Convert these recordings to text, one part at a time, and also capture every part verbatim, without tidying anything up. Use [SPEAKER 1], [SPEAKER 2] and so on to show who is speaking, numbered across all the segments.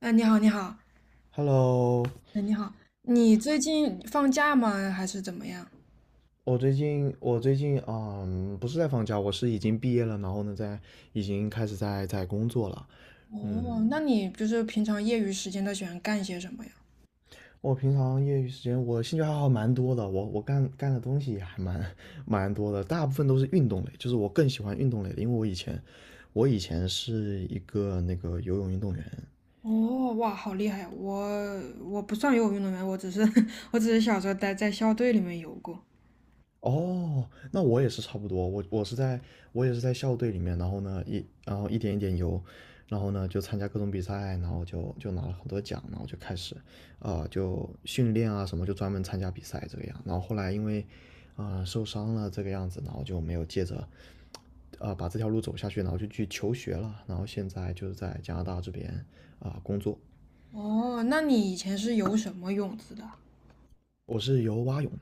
[SPEAKER 1] 哎，你好，你好，
[SPEAKER 2] Hello，
[SPEAKER 1] 哎，你好，你最近放假吗？还是怎么样？
[SPEAKER 2] 我最近我最近嗯不是在放假，我是已经毕业了，然后呢在已经开始在在工作了。嗯，
[SPEAKER 1] 哦，那你就是平常业余时间都喜欢干些什么呀？
[SPEAKER 2] 我平常业余时间我兴趣爱好蛮多的，我我干干的东西也还蛮蛮多的，大部分都是运动类，就是我更喜欢运动类的，因为我以前我以前是一个那个游泳运动员。
[SPEAKER 1] 哦，哇，好厉害！我我不算游泳运动员，我只是 我只是小时候待在校队里面游过。
[SPEAKER 2] 哦，那我也是差不多，我我是在我也是在校队里面，然后呢一然后一点一点游，然后呢就参加各种比赛，然后就就拿了很多奖，然后就开始啊、呃就训练啊什么，就专门参加比赛这个样。然后后来因为啊、呃受伤了这个样子，然后就没有接着啊、呃把这条路走下去，然后就去求学了，然后现在就是在加拿大这边啊、工作。
[SPEAKER 1] 哦，那你以前是游什么泳姿的？
[SPEAKER 2] 我是游蛙泳的。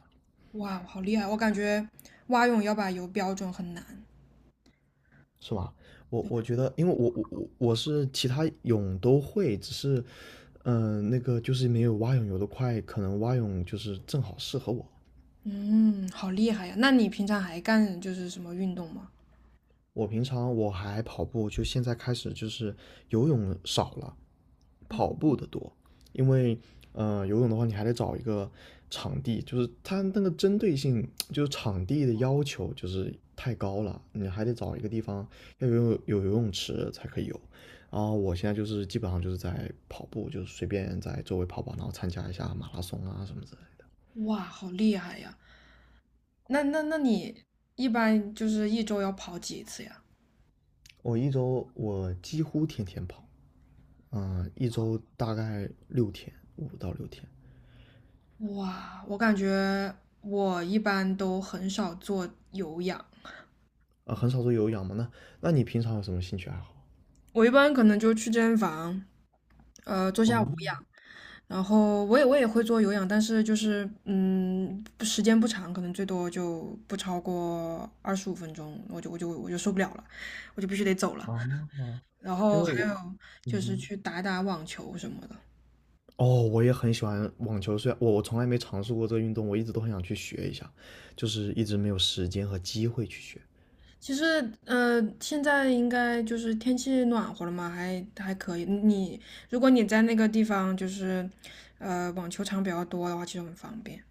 [SPEAKER 1] 哇，好厉害！我感觉蛙泳要把游标准很难。
[SPEAKER 2] 是吧？我我觉得，因为我我我我是其他泳都会，只是，嗯、那个就是没有蛙泳游得快，可能蛙泳就是正好适合我。
[SPEAKER 1] 嗯，好厉害呀！那你平常还干就是什么运动吗？
[SPEAKER 2] 我平常我还跑步，就现在开始就是游泳少了，跑步的多，因为呃游泳的话，你还得找一个场地，就是它那个针对性，就是场地的要求就是太高了，你还得找一个地方要有有游泳池才可以游。然后我现在就是基本上就是在跑步，就是随便在周围跑跑，然后参加一下马拉松啊什么之类的。
[SPEAKER 1] 哇，好厉害呀！那那那你一般就是一周要跑几次呀？
[SPEAKER 2] 我一周我几乎天天跑，嗯、呃一周大概六天，五到六天，啊、
[SPEAKER 1] 哇，我感觉我一般都很少做有氧。
[SPEAKER 2] 呃很少做有氧嘛。那那你平常有什么兴趣爱好？
[SPEAKER 1] 我一般可能就去健身房，呃，做下无
[SPEAKER 2] 哦，
[SPEAKER 1] 氧，然后我也我也会做有氧，但是就是嗯，不时间不长，可能最多就不超过二十五分钟，我就我就我就受不了了，我就必须得走了。
[SPEAKER 2] 啊！
[SPEAKER 1] 然
[SPEAKER 2] 因
[SPEAKER 1] 后
[SPEAKER 2] 为
[SPEAKER 1] 还
[SPEAKER 2] 我，
[SPEAKER 1] 有
[SPEAKER 2] 嗯
[SPEAKER 1] 就是
[SPEAKER 2] 哼，
[SPEAKER 1] 去打打网球什么的。
[SPEAKER 2] 哦，我也很喜欢网球，虽然我我从来没尝试过这个运动，我一直都很想去学一下，就是一直没有时间和机会去学。
[SPEAKER 1] 其实，呃，现在应该就是天气暖和了嘛，还还可以。你如果你在那个地方就是，呃，网球场比较多的话，其实很方便。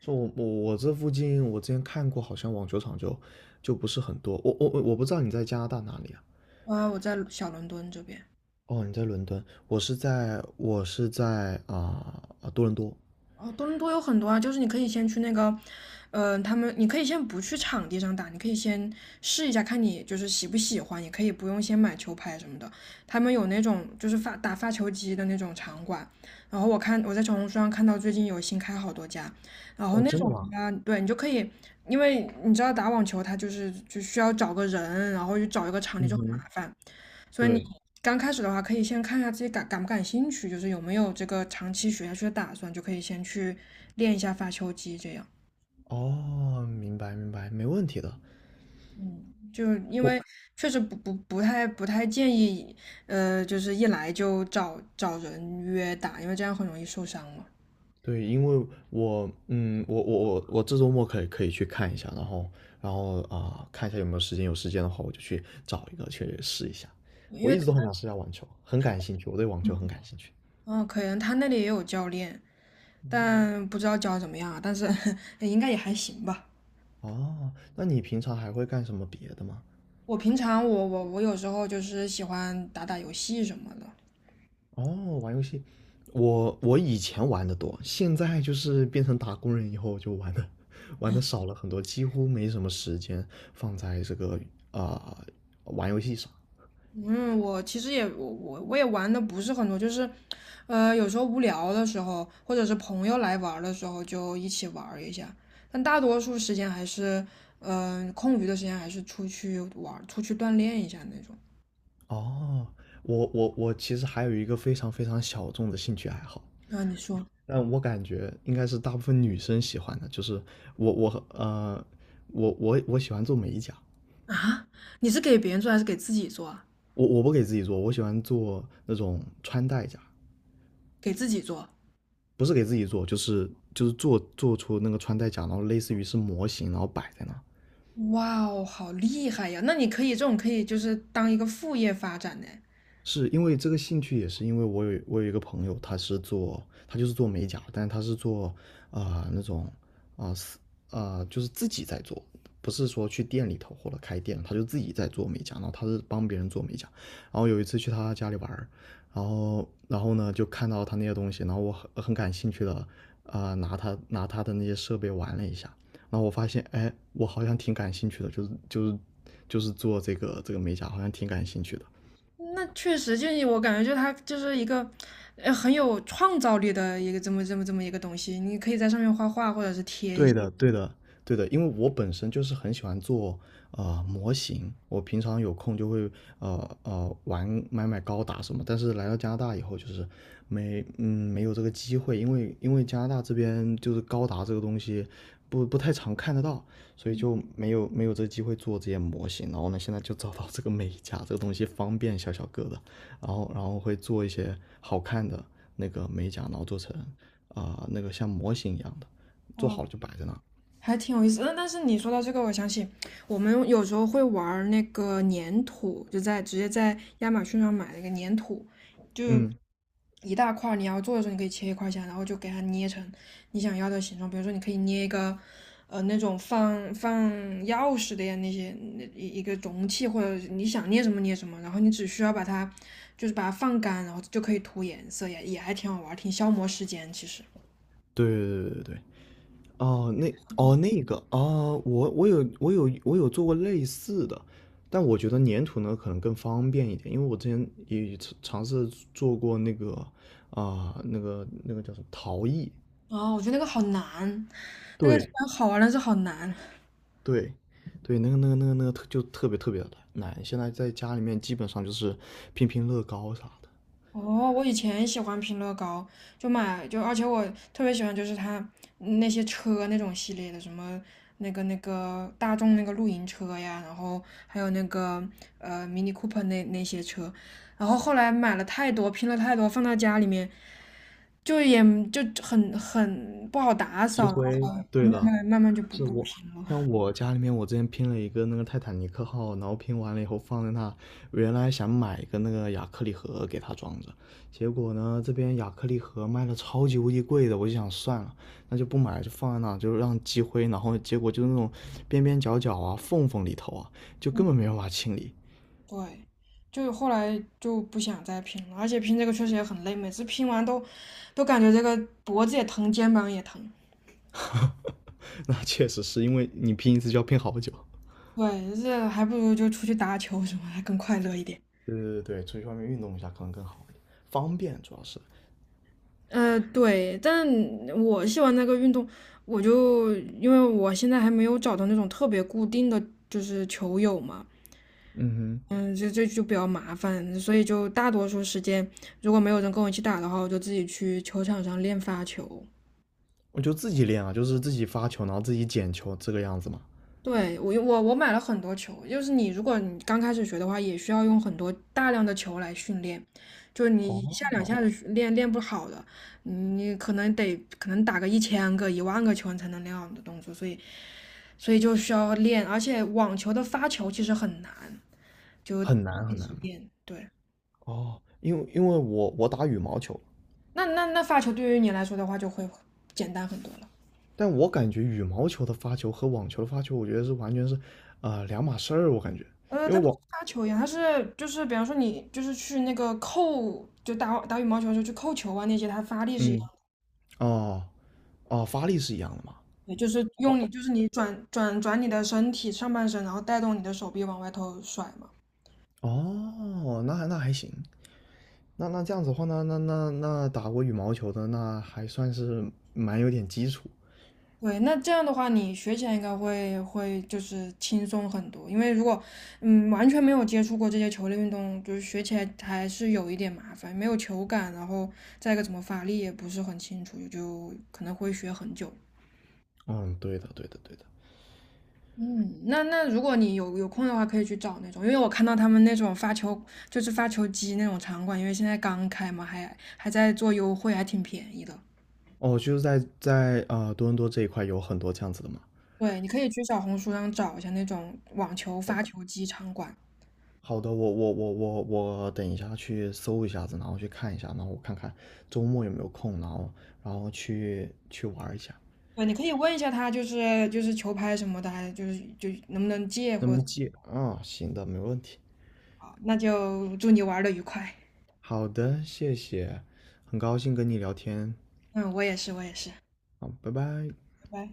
[SPEAKER 2] 说我我我这附近，我之前看过，好像网球场就就不是很多。我我我不知道你在加拿大哪里啊？
[SPEAKER 1] 啊，我在小伦敦这边。
[SPEAKER 2] 哦，你在伦敦，我是在我是在啊、啊多伦多。
[SPEAKER 1] 哦，多伦多有很多啊，就是你可以先去那个，嗯、他们你可以先不去场地上打，你可以先试一下，看你就是喜不喜欢，也可以不用先买球拍什么的。他们有那种就是发打发球机的那种场馆，然后我看我在小红书上看到最近有新开好多家，然后
[SPEAKER 2] 哦，
[SPEAKER 1] 那
[SPEAKER 2] 真
[SPEAKER 1] 种
[SPEAKER 2] 的吗？
[SPEAKER 1] 的话，对你就可以。因为你知道打网球它就是就需要找个人，然后就找一个场地
[SPEAKER 2] 嗯
[SPEAKER 1] 就很麻
[SPEAKER 2] 哼。
[SPEAKER 1] 烦。所以你
[SPEAKER 2] 对。
[SPEAKER 1] 刚开始的话，可以先看一下自己感感不感兴趣，就是有没有这个长期学下去的打算，就可以先去练一下发球机这样。
[SPEAKER 2] 哦，明白明白，没问题的。
[SPEAKER 1] 嗯，就是因
[SPEAKER 2] 我。
[SPEAKER 1] 为确实不不不太不太建议，呃，就是一来就找找人约打，因为这样很容易受伤嘛。
[SPEAKER 2] 对，因为我，嗯，我我我我这周末可以可以去看一下，然后然后啊、看一下有没有时间，有时间的话我就去找一个去试一下。
[SPEAKER 1] 因
[SPEAKER 2] 我
[SPEAKER 1] 为
[SPEAKER 2] 一直都很想试一下网球，很感兴趣，我对网球很感兴趣。
[SPEAKER 1] 嗯，可能他那里也有教练，但不知道教得怎么样啊，但是 应该也还行吧。
[SPEAKER 2] 哦，那你平常还会干什么别的吗？
[SPEAKER 1] 我平常我我我有时候就是喜欢打打游戏什么的。
[SPEAKER 2] 哦，玩游戏，我我以前玩的多，现在就是变成打工人以后就玩的 玩的少了很多，几乎没什么时间放在这个啊、玩游戏上。
[SPEAKER 1] 嗯，我其实也我我我也玩的不是很多，就是，呃，有时候无聊的时候，或者是朋友来玩儿的时候，就一起玩儿一下。但大多数时间还是，嗯、空余的时间还是出去玩儿出去锻炼一下那种。
[SPEAKER 2] 哦，我我我其实还有一个非常非常小众的兴趣爱好，
[SPEAKER 1] 那你说
[SPEAKER 2] 但我感觉应该是大部分女生喜欢的，就是我我呃我我我喜欢做美甲。
[SPEAKER 1] 啊？你是给别人做还是给自己做啊？
[SPEAKER 2] 我我不给自己做，我喜欢做那种穿戴甲，
[SPEAKER 1] 给自己做。
[SPEAKER 2] 不是给自己做，就是就是做做出那个穿戴甲，然后类似于是模型，然后摆在那。
[SPEAKER 1] 哇哦，好厉害呀！那你可以这种可以就是当一个副业发展呢。
[SPEAKER 2] 是因为这个兴趣，也是因为我有我有一个朋友，他是做他就是做美甲，但是他是做啊、呃那种啊，就是自己在做，不是说去店里头或者开店，他就自己在做美甲，然后他是帮别人做美甲。然后有一次去他家里玩，然后然后呢就看到他那些东西，然后我很很感兴趣的啊、呃拿他拿他的那些设备玩了一下，然后我发现哎，我好像挺感兴趣的，就是就是就是做这个这个美甲，好像挺感兴趣的。
[SPEAKER 1] 那确实，就是我感觉，就是它就是一个，呃很有创造力的一个这么这么这么一个东西。你可以在上面画画，或者是贴一
[SPEAKER 2] 对
[SPEAKER 1] 些。
[SPEAKER 2] 的，对的，对的，因为我本身就是很喜欢做呃模型，我平常有空就会呃呃玩买买高达什么，但是来到加拿大以后就是没嗯没有这个机会，因为因为加拿大这边就是高达这个东西不不太常看得到，所以就没有没有这个机会做这些模型，然后呢现在就找到这个美甲这个东西方便小小个的，然后然后会做一些好看的那个美甲，然后做成啊、呃那个像模型一样的。做好了就摆在那儿。
[SPEAKER 1] 还挺有意思的。但是你说到这个，我想起我们有时候会玩儿那个粘土，就在直接在亚马逊上买了一个粘土，就
[SPEAKER 2] 嗯，
[SPEAKER 1] 一大块儿你要做的时候你可以切一块儿下来，然后就给它捏成你想要的形状。比如说，你可以捏一个呃那种放放钥匙的呀那些那一一个容器，或者你想捏什么捏什么，然后你只需要把它就是把它放干，然后就可以涂颜色，也也还挺好玩儿挺消磨时间其实。
[SPEAKER 2] 对对对对对，哦，那哦那个啊，我我有我有我有做过类似的，但我觉得粘土呢可能更方便一点，因为我之前也尝尝试做过那个啊、那个那个叫什么陶艺。
[SPEAKER 1] 啊，我觉得那个好难。那个虽
[SPEAKER 2] 对
[SPEAKER 1] 然好玩，但是好难。
[SPEAKER 2] 对对，那个那个那个那个特就特别特别的难，现在在家里面基本上就是拼拼乐高啥的，
[SPEAKER 1] 哦，我以前喜欢拼乐高，就买就，而且我特别喜欢就是它嗯那些车那种系列的，什么那个那个大众那个露营车呀，然后还有那个呃 Mini Cooper 那那些车，然后后来买了太多，拼了太多，放到家里面就也就很很不好打
[SPEAKER 2] 积
[SPEAKER 1] 扫，然后
[SPEAKER 2] 灰，
[SPEAKER 1] 后
[SPEAKER 2] 对的。
[SPEAKER 1] 来慢慢就不
[SPEAKER 2] 是
[SPEAKER 1] 不
[SPEAKER 2] 我
[SPEAKER 1] 拼了。
[SPEAKER 2] 像我家里面，我之前拼了一个那个泰坦尼克号，然后拼完了以后放在那，原来想买一个那个亚克力盒给它装着，结果呢这边亚克力盒卖的超级无敌贵的，我就想算了，那就不买了，就放在那，就让积灰，然后结果就是那种边边角角啊、缝缝里头啊，就根本没办法清理。
[SPEAKER 1] 对，就后来就不想再拼了，而且拼这个确实也很累，每次拼完都都感觉这个脖子也疼，肩膀也疼。
[SPEAKER 2] 那确实是因为你拼一次就要拼好久。
[SPEAKER 1] 对，这还不如就出去打球什么，还更快乐一点。
[SPEAKER 2] 对对对对，出去外面运动一下可能更好一点，方便主要是。
[SPEAKER 1] 呃，对，但我喜欢那个运动，我就因为我现在还没有找到那种特别固定的就是球友嘛。
[SPEAKER 2] 嗯哼。
[SPEAKER 1] 嗯，这这就比较麻烦，所以就大多数时间如果没有人跟我一起打的话，我就自己去球场上练发球。
[SPEAKER 2] 我就自己练啊，就是自己发球，然后自己捡球这个样子嘛。
[SPEAKER 1] 对，我我我买了很多球，就是你如果你刚开始学的话，也需要用很多大量的球来训练，就是你一下两
[SPEAKER 2] 哦，
[SPEAKER 1] 下子练练不好的，你可能得可能打个一千个、一万个球你才能练好你的动作，所以所以就需要练，而且网球的发球其实很难，就
[SPEAKER 2] 很难
[SPEAKER 1] 一
[SPEAKER 2] 很难
[SPEAKER 1] 直
[SPEAKER 2] 嘛。
[SPEAKER 1] 练。对，
[SPEAKER 2] 哦，因为因为我我打羽毛球，
[SPEAKER 1] 那那那发球对于你来说的话就会简单很多了。
[SPEAKER 2] 但我感觉羽毛球的发球和网球的发球，我觉得是完全是呃两码事儿，我感觉，
[SPEAKER 1] 呃，
[SPEAKER 2] 因
[SPEAKER 1] 它
[SPEAKER 2] 为
[SPEAKER 1] 不
[SPEAKER 2] 网
[SPEAKER 1] 是杀球一样，它是就是比方说你就是去那个扣，就打打羽毛球的时候去扣球啊那些，它发力是一样
[SPEAKER 2] 嗯哦，哦，发力是一样的嘛。
[SPEAKER 1] 也就是用
[SPEAKER 2] 哦，
[SPEAKER 1] 你就是你转转转你的身体上半身，然后带动你的手臂往外头甩嘛。
[SPEAKER 2] 哦，那还那还行，那那这样子的话，那那那那打过羽毛球的，那还算是蛮有点基础。
[SPEAKER 1] 对，那这样的话，你学起来应该会会就是轻松很多，因为如果嗯完全没有接触过这些球类运动，就是学起来还是有一点麻烦，没有球感，然后再一个怎么发力也不是很清楚，就可能会学很久。
[SPEAKER 2] 嗯，对的，对的，对的。
[SPEAKER 1] 嗯，那那如果你有有空的话，可以去找那种，因为我看到他们那种发球，就是发球机那种场馆，因为现在刚开嘛，还还在做优惠，还挺便宜的。
[SPEAKER 2] 哦，就是在在啊、呃多伦多这一块有很多这样子的嘛。
[SPEAKER 1] 对，你可以去小红书上找一下那种网球发球机场馆。
[SPEAKER 2] 好的，我我我我我等一下去搜一下子，然后去看一下，然后我看看周末有没有空，然后然后去去玩一下。
[SPEAKER 1] 对，你可以问一下他，就是就是球拍什么的，还就是就能不能借
[SPEAKER 2] 那
[SPEAKER 1] 或
[SPEAKER 2] 么
[SPEAKER 1] 者
[SPEAKER 2] 既啊、行的，没问题。
[SPEAKER 1] 啊那就祝你玩的愉快。
[SPEAKER 2] 好的，谢谢，很高兴跟你聊天，
[SPEAKER 1] 嗯，我也是，我也是，拜
[SPEAKER 2] 好，拜拜。
[SPEAKER 1] 拜。